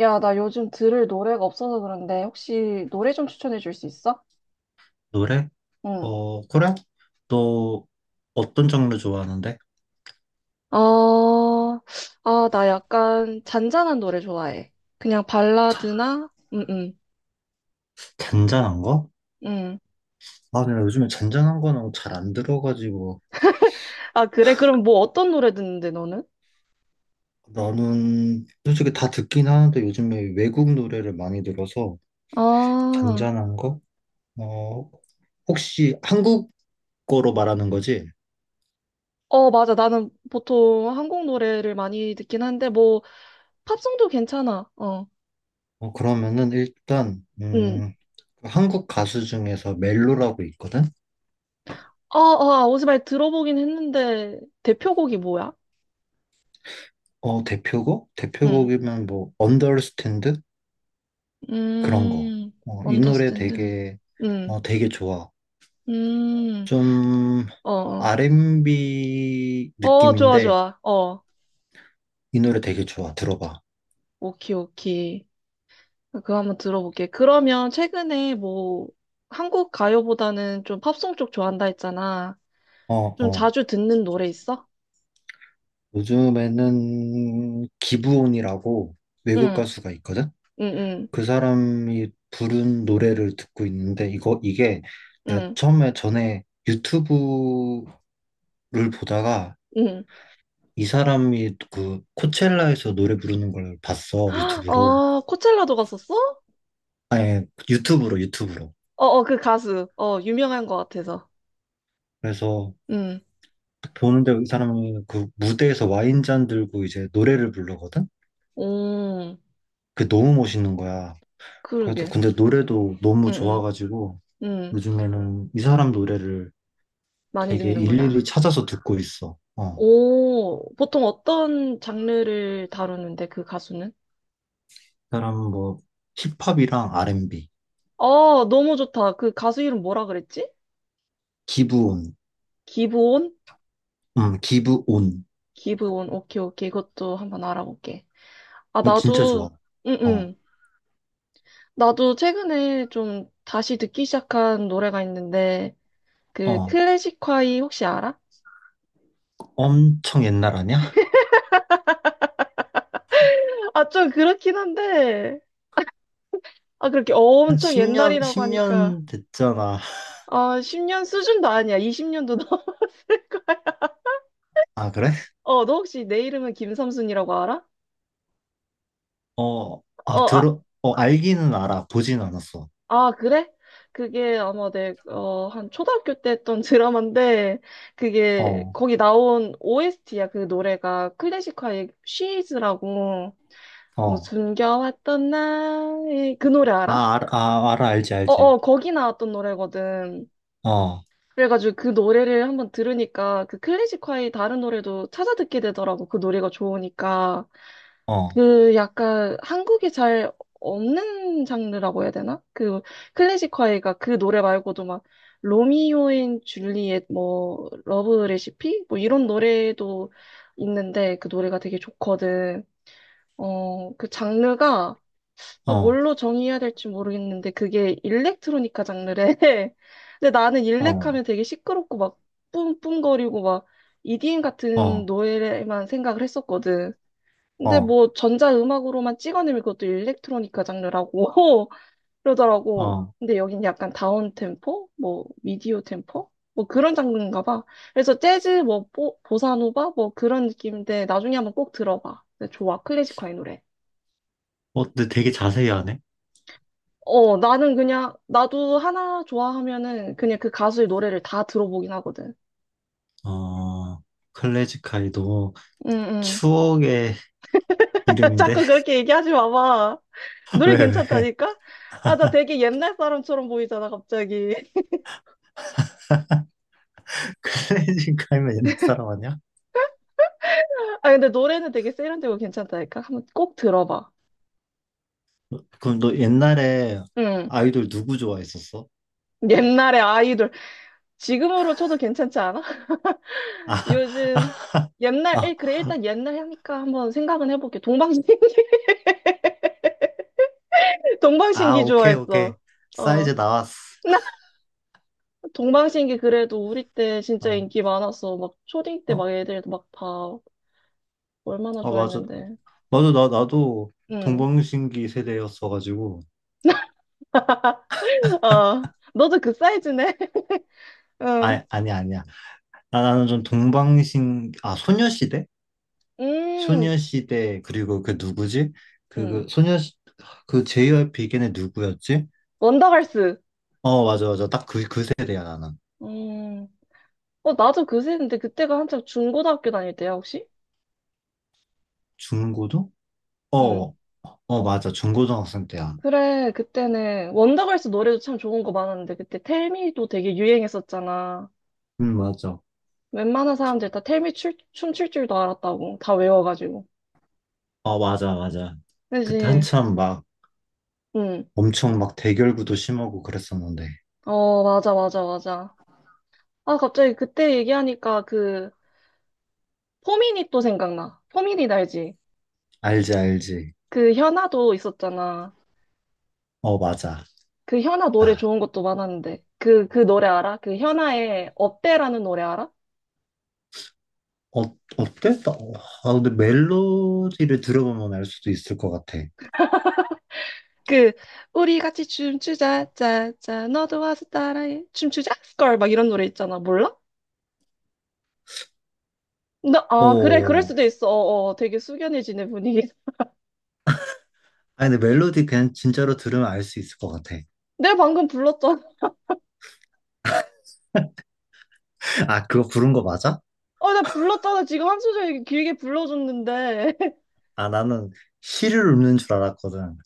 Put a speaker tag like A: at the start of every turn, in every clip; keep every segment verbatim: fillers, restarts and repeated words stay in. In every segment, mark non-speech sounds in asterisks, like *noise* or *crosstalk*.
A: 야, 나 요즘 들을 노래가 없어서 그런데 혹시 노래 좀 추천해 줄 수 있어?
B: 노래?
A: 응.
B: 어, 그래? 너 어떤 장르 좋아하는데?
A: 어, 아, 나 약간 잔잔한 노래 좋아해. 그냥 발라드나? 응, 응,
B: 잔잔한 거?
A: 응.
B: 아, 근데 요즘에 잔잔한 거는 잘 안 들어가지고.
A: 아, 그래? 그럼 뭐 어떤 노래 듣는데, 너는?
B: 나는 솔직히 다 듣긴 하는데 요즘에 외국 노래를 많이 들어서.
A: 아,
B: 잔잔한 거? 어, 혹시 한국어로 말하는 거지?
A: 어, 맞아. 나는 보통 한국 노래를 많이 듣긴 한데, 뭐, 팝송도 괜찮아. 어,
B: 어, 그러면은 일단
A: 응.
B: 음, 한국 가수 중에서 멜로라고 있거든?
A: 아, 아, 오즈발 들어보긴 했는데, 대표곡이 뭐야?
B: 어, 대표곡?
A: 응.
B: 대표곡이면 뭐 언더스탠드? 그런 거.
A: 음,
B: 어, 이 노래
A: 언더스탠드.
B: 되게
A: 응.
B: 어, 되게 좋아.
A: 음,
B: 좀
A: 어, 어,
B: 알앤비
A: 어, 좋아,
B: 느낌인데
A: 좋아. 어,
B: 이 노래 되게 좋아. 들어봐.
A: 오키, 오키. 그거 한번 들어볼게. 그러면 최근에 뭐, 한국 가요보다는 좀 팝송 쪽 좋아한다 했잖아.
B: 어,
A: 좀
B: 어.
A: 자주 듣는 노래 있어?
B: 요즘에는 기브온이라고 외국
A: 응,
B: 가수가 있거든?
A: 응, 응,
B: 그 사람이 부른 노래를 듣고 있는데 이거 이게 내가
A: 응,
B: 처음에 전에 유튜브를 보다가
A: 응.
B: 이 사람이 그 코첼라에서 노래 부르는 걸 봤어. 유튜브로.
A: 어, 코첼라도 갔었어?
B: 아니, 유튜브로 유튜브로.
A: 어, 어, 그 가수. 어, 유명한 것 같아서.
B: 그래서
A: 응,
B: 보는데 이 사람이 그 무대에서 와인잔 들고 이제 노래를 부르거든?
A: 오,
B: 그게 너무 멋있는 거야. 그래서
A: 그러게.
B: 근데 노래도 너무
A: 응,
B: 좋아가지고
A: 응, 응.
B: 요즘에는 이 사람 노래를
A: 많이
B: 되게 일일이
A: 듣는구나.
B: 찾아서 듣고 있어. 어. 이
A: 오, 보통 어떤 장르를 다루는데, 그 가수는?
B: 사람은 뭐 힙합이랑 알앤비,
A: 어, 너무 좋다. 그 가수 이름 뭐라 그랬지?
B: 기브온,
A: 기브온?
B: 음, 기브온.
A: 기브온. 오케이, 오케이. 이것도 한번 알아볼게. 아,
B: 이거 진짜 좋아.
A: 나도. 응,
B: 어,
A: 응. 나도 최근에 좀 다시 듣기 시작한 노래가 있는데, 그
B: 어.
A: 클래식화이 혹시 알아?
B: 엄청 옛날 아니야?
A: 아, 좀 그렇긴 한데, 아, 그렇게
B: 한
A: 엄청
B: 십 년, 십
A: 옛날이라고 하니까,
B: 년 됐잖아.
A: 아, 십 년 수준도 아니야. 이십 년도 넘 *laughs*
B: 아, 그래?
A: 어, 너 혹시 내 이름은 김삼순이라고 알아?
B: 어, 아,
A: 어,
B: 들어, 어, 알기는 알아. 보진 않았어.
A: 아, 그래? 그게 아마 내, 어, 한 초등학교 때 했던 드라마인데, 그게,
B: 어,
A: 거기 나온 오에스티야, 그 노래가. 클래식화의 She's라고, 뭐,
B: 어.
A: 숨겨왔던 나의, 그 노래 알아?
B: 아, 알, 아, 알아, 알지, 알지.
A: 어어, 거기 나왔던 노래거든.
B: 어, 어,
A: 그래가지고 그 노래를 한번 들으니까, 그 클래식화의 다른 노래도 찾아 듣게 되더라고, 그 노래가 좋으니까.
B: 어,
A: 그 약간 한국에 잘 없는 장르라고 해야 되나? 그 클래식 화해가 그 노래 말고도 막 로미오 앤 줄리엣 뭐 러브 레시피 뭐 이런 노래도 있는데 그 노래가 되게 좋거든. 어, 그 장르가 아,
B: 어,
A: 뭘로 정의해야 될지 모르겠는데 그게 일렉트로니카 장르래. *laughs* 근데 나는 일렉하면 되게 시끄럽고 막 뿜뿜거리고 막 이디엠 같은
B: 어,
A: 노래만 생각을 했었거든.
B: 어,
A: 근데
B: 어.
A: 뭐 전자음악으로만 찍어내면 그것도 일렉트로니카 장르라고 *laughs* 그러더라고. 근데 여긴 약간 다운템포? 뭐 미디어 템포? 뭐 그런 장르인가 봐. 그래서 재즈, 뭐 보, 보사노바? 뭐 그런 느낌인데 나중에 한번 꼭 들어봐. 근데 좋아. 클래식화의 노래.
B: 어, 근데 되게 자세히 하네.
A: 어, 나는 그냥 나도 하나 좋아하면은 그냥 그 가수의 노래를 다 들어보긴 하거든.
B: 어, 클래식 카이 너
A: 응응.
B: 추억의
A: *laughs*
B: 이름인데?
A: 자꾸 그렇게 얘기하지 마봐.
B: *laughs*
A: 노래
B: 왜, 왜?
A: 괜찮다니까? 아, 나 되게 옛날 사람처럼 보이잖아, 갑자기.
B: *laughs* 클래식 카이면 옛날 사람 아니야?
A: 아, 근데 노래는 되게 세련되고 괜찮다니까? 한번 꼭 들어봐.
B: 그럼 너 옛날에
A: 응.
B: 아이돌 누구 좋아했었어?
A: 옛날의 아이돌. 지금으로 쳐도 괜찮지 않아? *laughs*
B: 아,
A: 요즘, 옛날,
B: 아,
A: 일- 그래, 일단 옛날 하니까 한번 생각은 해볼게. 동방신기. *laughs*
B: 아,
A: 동방신기
B: 오케이,
A: 좋아했어.
B: 오케이. 사이즈
A: 어.
B: 나왔어.
A: *laughs* 나 동방신기 그래도 우리 때 진짜
B: 아,
A: 인기 많았어. 막 초딩 때
B: 어,
A: 막 애들 막 다 얼마나
B: 어, 맞아.
A: 좋아했는데.
B: 맞아, 나, 나도
A: 응.
B: 동방신기 세대였어가지고.
A: 어. 너도 그 사이즈네? *laughs* 응.
B: 아, 아니, 아니야. 아, 나는 좀 동방신, 아, 소녀시대?
A: 음,
B: 소녀시대, 그리고 그 누구지? 그, 그
A: 음.
B: 소녀, 그 제이와이피 걔네 누구였지?
A: 원더걸스.
B: 어, 맞아, 맞아. 딱 그, 그 세대야, 나는.
A: 음. 어, 나도 그새 했는데 그때가 한창 중고등학교 다닐 때야, 혹시?
B: 중고등? 어,
A: 응.
B: 어, 맞아. 중고등학생 때야.
A: 그래, 그때는 원더걸스 노래도 참 좋은 거 많았는데 그때 텔미도 되게 유행했었잖아.
B: 응, 맞아.
A: 웬만한 사람들 다 텔미 출, 춤출 줄도 알았다고. 다 외워가지고.
B: 어, 맞아, 맞아. 그때
A: 그지?
B: 한참 막
A: 응.
B: 엄청 막 대결구도 심하고 그랬었는데.
A: 어, 맞아, 맞아, 맞아. 아, 갑자기 그때 얘기하니까 그 포미닛 또 생각나. 포미닛 알지?
B: 알지, 알지.
A: 그 현아도 있었잖아.
B: 어, 맞아.
A: 그 현아 노래
B: 아,
A: 좋은 것도 많았는데. 그, 그 노래 알아? 그 현아의 업대라는 노래 알아?
B: 어, 어땠다? 어, 아, 근데 멜로디를 들어보면 알 수도 있을 것 같아.
A: 그 우리 같이 춤추자 짜짜 너도 와서 따라해 춤추자 스컬 막 이런 노래 있잖아 몰라? 나, 아 그래 그럴
B: 어,
A: 수도 있어. 어, 어, 되게 숙연해지네 분위기. *laughs*
B: 아, 근데 멜로디 그냥 진짜로 들으면 알 수 있을 것 같아.
A: 내가 방금 불렀잖아.
B: 아, 그거 부른 거 맞아?
A: 어 나 불렀잖아. 지금 한 소절 길게 불러줬는데. *laughs*
B: 아, 나는 시를 읊는 줄 알았거든.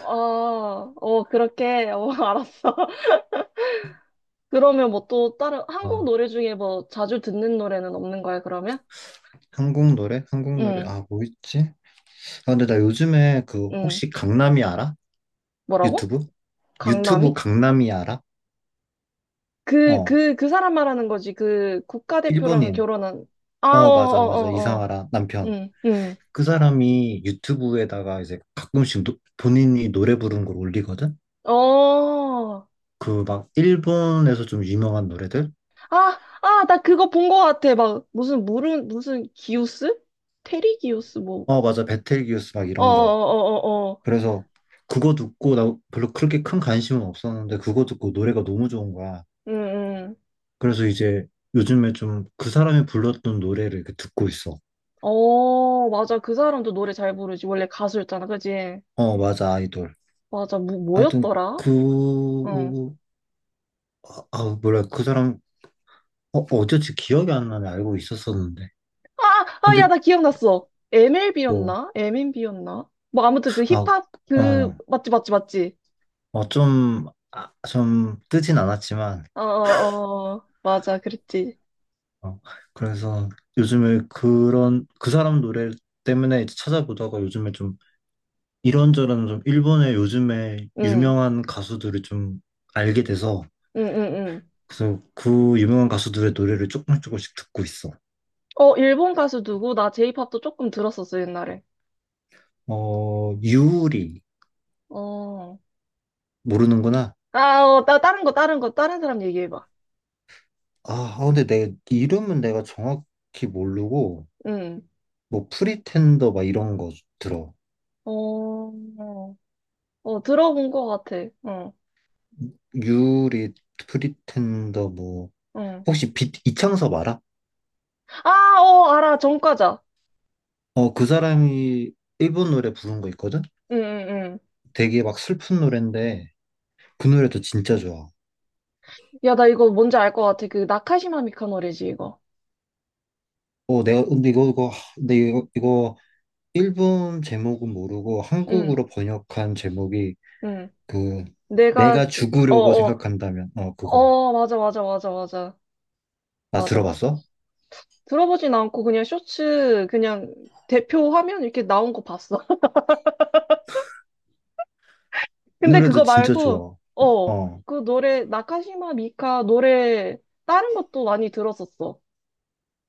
A: 아어 그렇게 어 알았어. *laughs* 그러면 뭐 또 다른 한국
B: 어.
A: 노래 중에 뭐 자주 듣는 노래는 없는 거야 그러면?
B: 한국 노래? 한국
A: 응응.
B: 노래, 아, 뭐 있지? 아, 근데 나 요즘에 그 혹시 강남이 알아?
A: 뭐라고?
B: 유튜브? 유튜브
A: 강남이?
B: 강남이 알아?
A: 그,
B: 어,
A: 그, 그 사람 말하는 거지. 그 국가대표랑
B: 일본인.
A: 결혼한. 아, 어,
B: 어,
A: 어,
B: 맞아, 맞아,
A: 어, 어.
B: 이상하라 남편.
A: 응, 응.
B: 그 사람이 유튜브에다가 이제 가끔씩 노- 본인이 노래 부르는 걸 올리거든?
A: 어.
B: 그 막 일본에서 좀 유명한 노래들?
A: 아, 아, 나 그거 본 거 같아. 막, 무슨, 물은, 무슨, 기우스? 테리 기우스, 뭐.
B: 어, 맞아, 베텔기우스 막
A: 어, 어,
B: 이런 거.
A: 어, 어, 어.
B: 그래서 그거 듣고 나 별로 그렇게 큰 관심은 없었는데 그거 듣고 노래가 너무 좋은 거야.
A: 응, 응.
B: 그래서 이제 요즘에 좀 그 사람이 불렀던 노래를 이렇게 듣고 있어.
A: 어, 맞아. 그 사람도 노래 잘 부르지. 원래 가수였잖아. 그지?
B: 어, 맞아, 아이돌.
A: 맞아. 뭐,
B: 하여튼
A: 뭐였더라? 어.
B: 그, 아, 아, 뭐그 사람, 어, 어쩐지 기억이 안 나네. 알고 있었었는데.
A: 아, 아, 야,
B: 근데
A: 나 기억났어.
B: 뭐,
A: 엠엘비였나? 엠엔비였나? 뭐, 아무튼 그
B: 아,
A: 힙합,
B: 어,
A: 그, 맞지, 맞지, 맞지.
B: 어, 좀, 아, 좀 뜨진 않았지만,
A: 어, 어, 어. 맞아, 그랬지.
B: 어, 그래서 요즘에 그런, 그 사람 노래 때문에 이제 찾아보다가 요즘에 좀 이런저런 좀 일본의 요즘에
A: 응,
B: 유명한 가수들을 좀 알게 돼서
A: 응, 응, 응.
B: 그래서 그 유명한 가수들의 노래를 조금씩 조금씩 듣고 있어.
A: 어, 일본 가수 누구? 나 J-pop도 조금 들었었어, 옛날에.
B: 어, 유리
A: 어.
B: 모르는구나.
A: 아, 어, 나 다른 거, 다른 거, 다른 사람 얘기해봐.
B: 아, 아, 근데 내 이름은 내가 정확히 모르고
A: 응.
B: 뭐 프리텐더 막 이런 거 들어.
A: 어, 어, 들어본 거 같아. 응,
B: 유리 프리텐더 뭐
A: 응.
B: 혹시 빛 이창섭 알아?
A: 아, 어, 알아, 정과자.
B: 어, 그 사람이 일본 노래 부른 거 있거든?
A: 응, 응, 응.
B: 되게 막 슬픈 노래인데 그 노래도 진짜 좋아.
A: 야, 나 이거 뭔지 알 것 같아. 그, 나카시마 미카 노래지, 이거.
B: 어, 내가, 근데 이거, 이거, 근데 이거, 이거, 일본 제목은 모르고
A: 응,
B: 한국으로 번역한 제목이
A: 응.
B: 그,
A: 내가,
B: 내가
A: 어,
B: 죽으려고
A: 어,
B: 생각한다면, 어, 그거.
A: 어, 맞아, 맞아, 맞아, 맞아.
B: 나
A: 맞아, 맞아.
B: 들어봤어?
A: 들어보진 않고 그냥 쇼츠 그냥 대표 화면 이렇게 나온 거 봤어. *laughs*
B: 이
A: 근데
B: 노래도
A: 그거
B: 진짜
A: 말고
B: 좋아.
A: 어,
B: 어.
A: 그 노래 나카시마 미카 노래 다른 것도 많이 들었었어.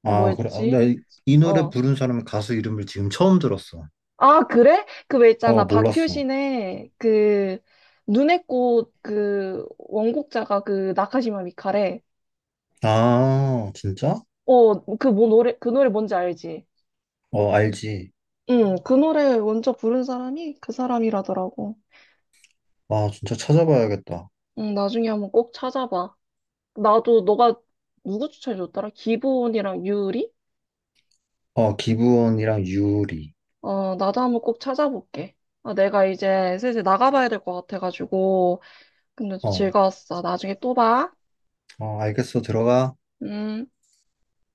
B: 아, 그래. 아,
A: 뭐였지?
B: 나이 이 노래
A: 어.
B: 부른 사람 가수 이름을 지금 처음 들었어.
A: 아, 그래? 그 왜
B: 어,
A: 있잖아.
B: 몰랐어.
A: 박효신의 그 눈의 꽃 그 원곡자가 그 나카시마 미카래.
B: 아, 진짜?
A: 어, 그 뭐 노래 그 노래 뭔지 알지?
B: 어, 알지.
A: 응, 그 노래 먼저 부른 사람이 그 사람이라더라고.
B: 아, 진짜 찾아봐야겠다.
A: 응, 나중에 한번 꼭 찾아봐. 나도 너가 누구 추천해줬더라? 기본이랑 유리?
B: 어, 기부원이랑 유리.
A: 어, 나도 한번 꼭 찾아볼게. 아, 내가 이제 슬슬 나가봐야 될 것 같아가지고. 근데
B: 어,
A: 즐거웠어. 나중에 또 봐.
B: 어, 알겠어. 들어가.
A: 음.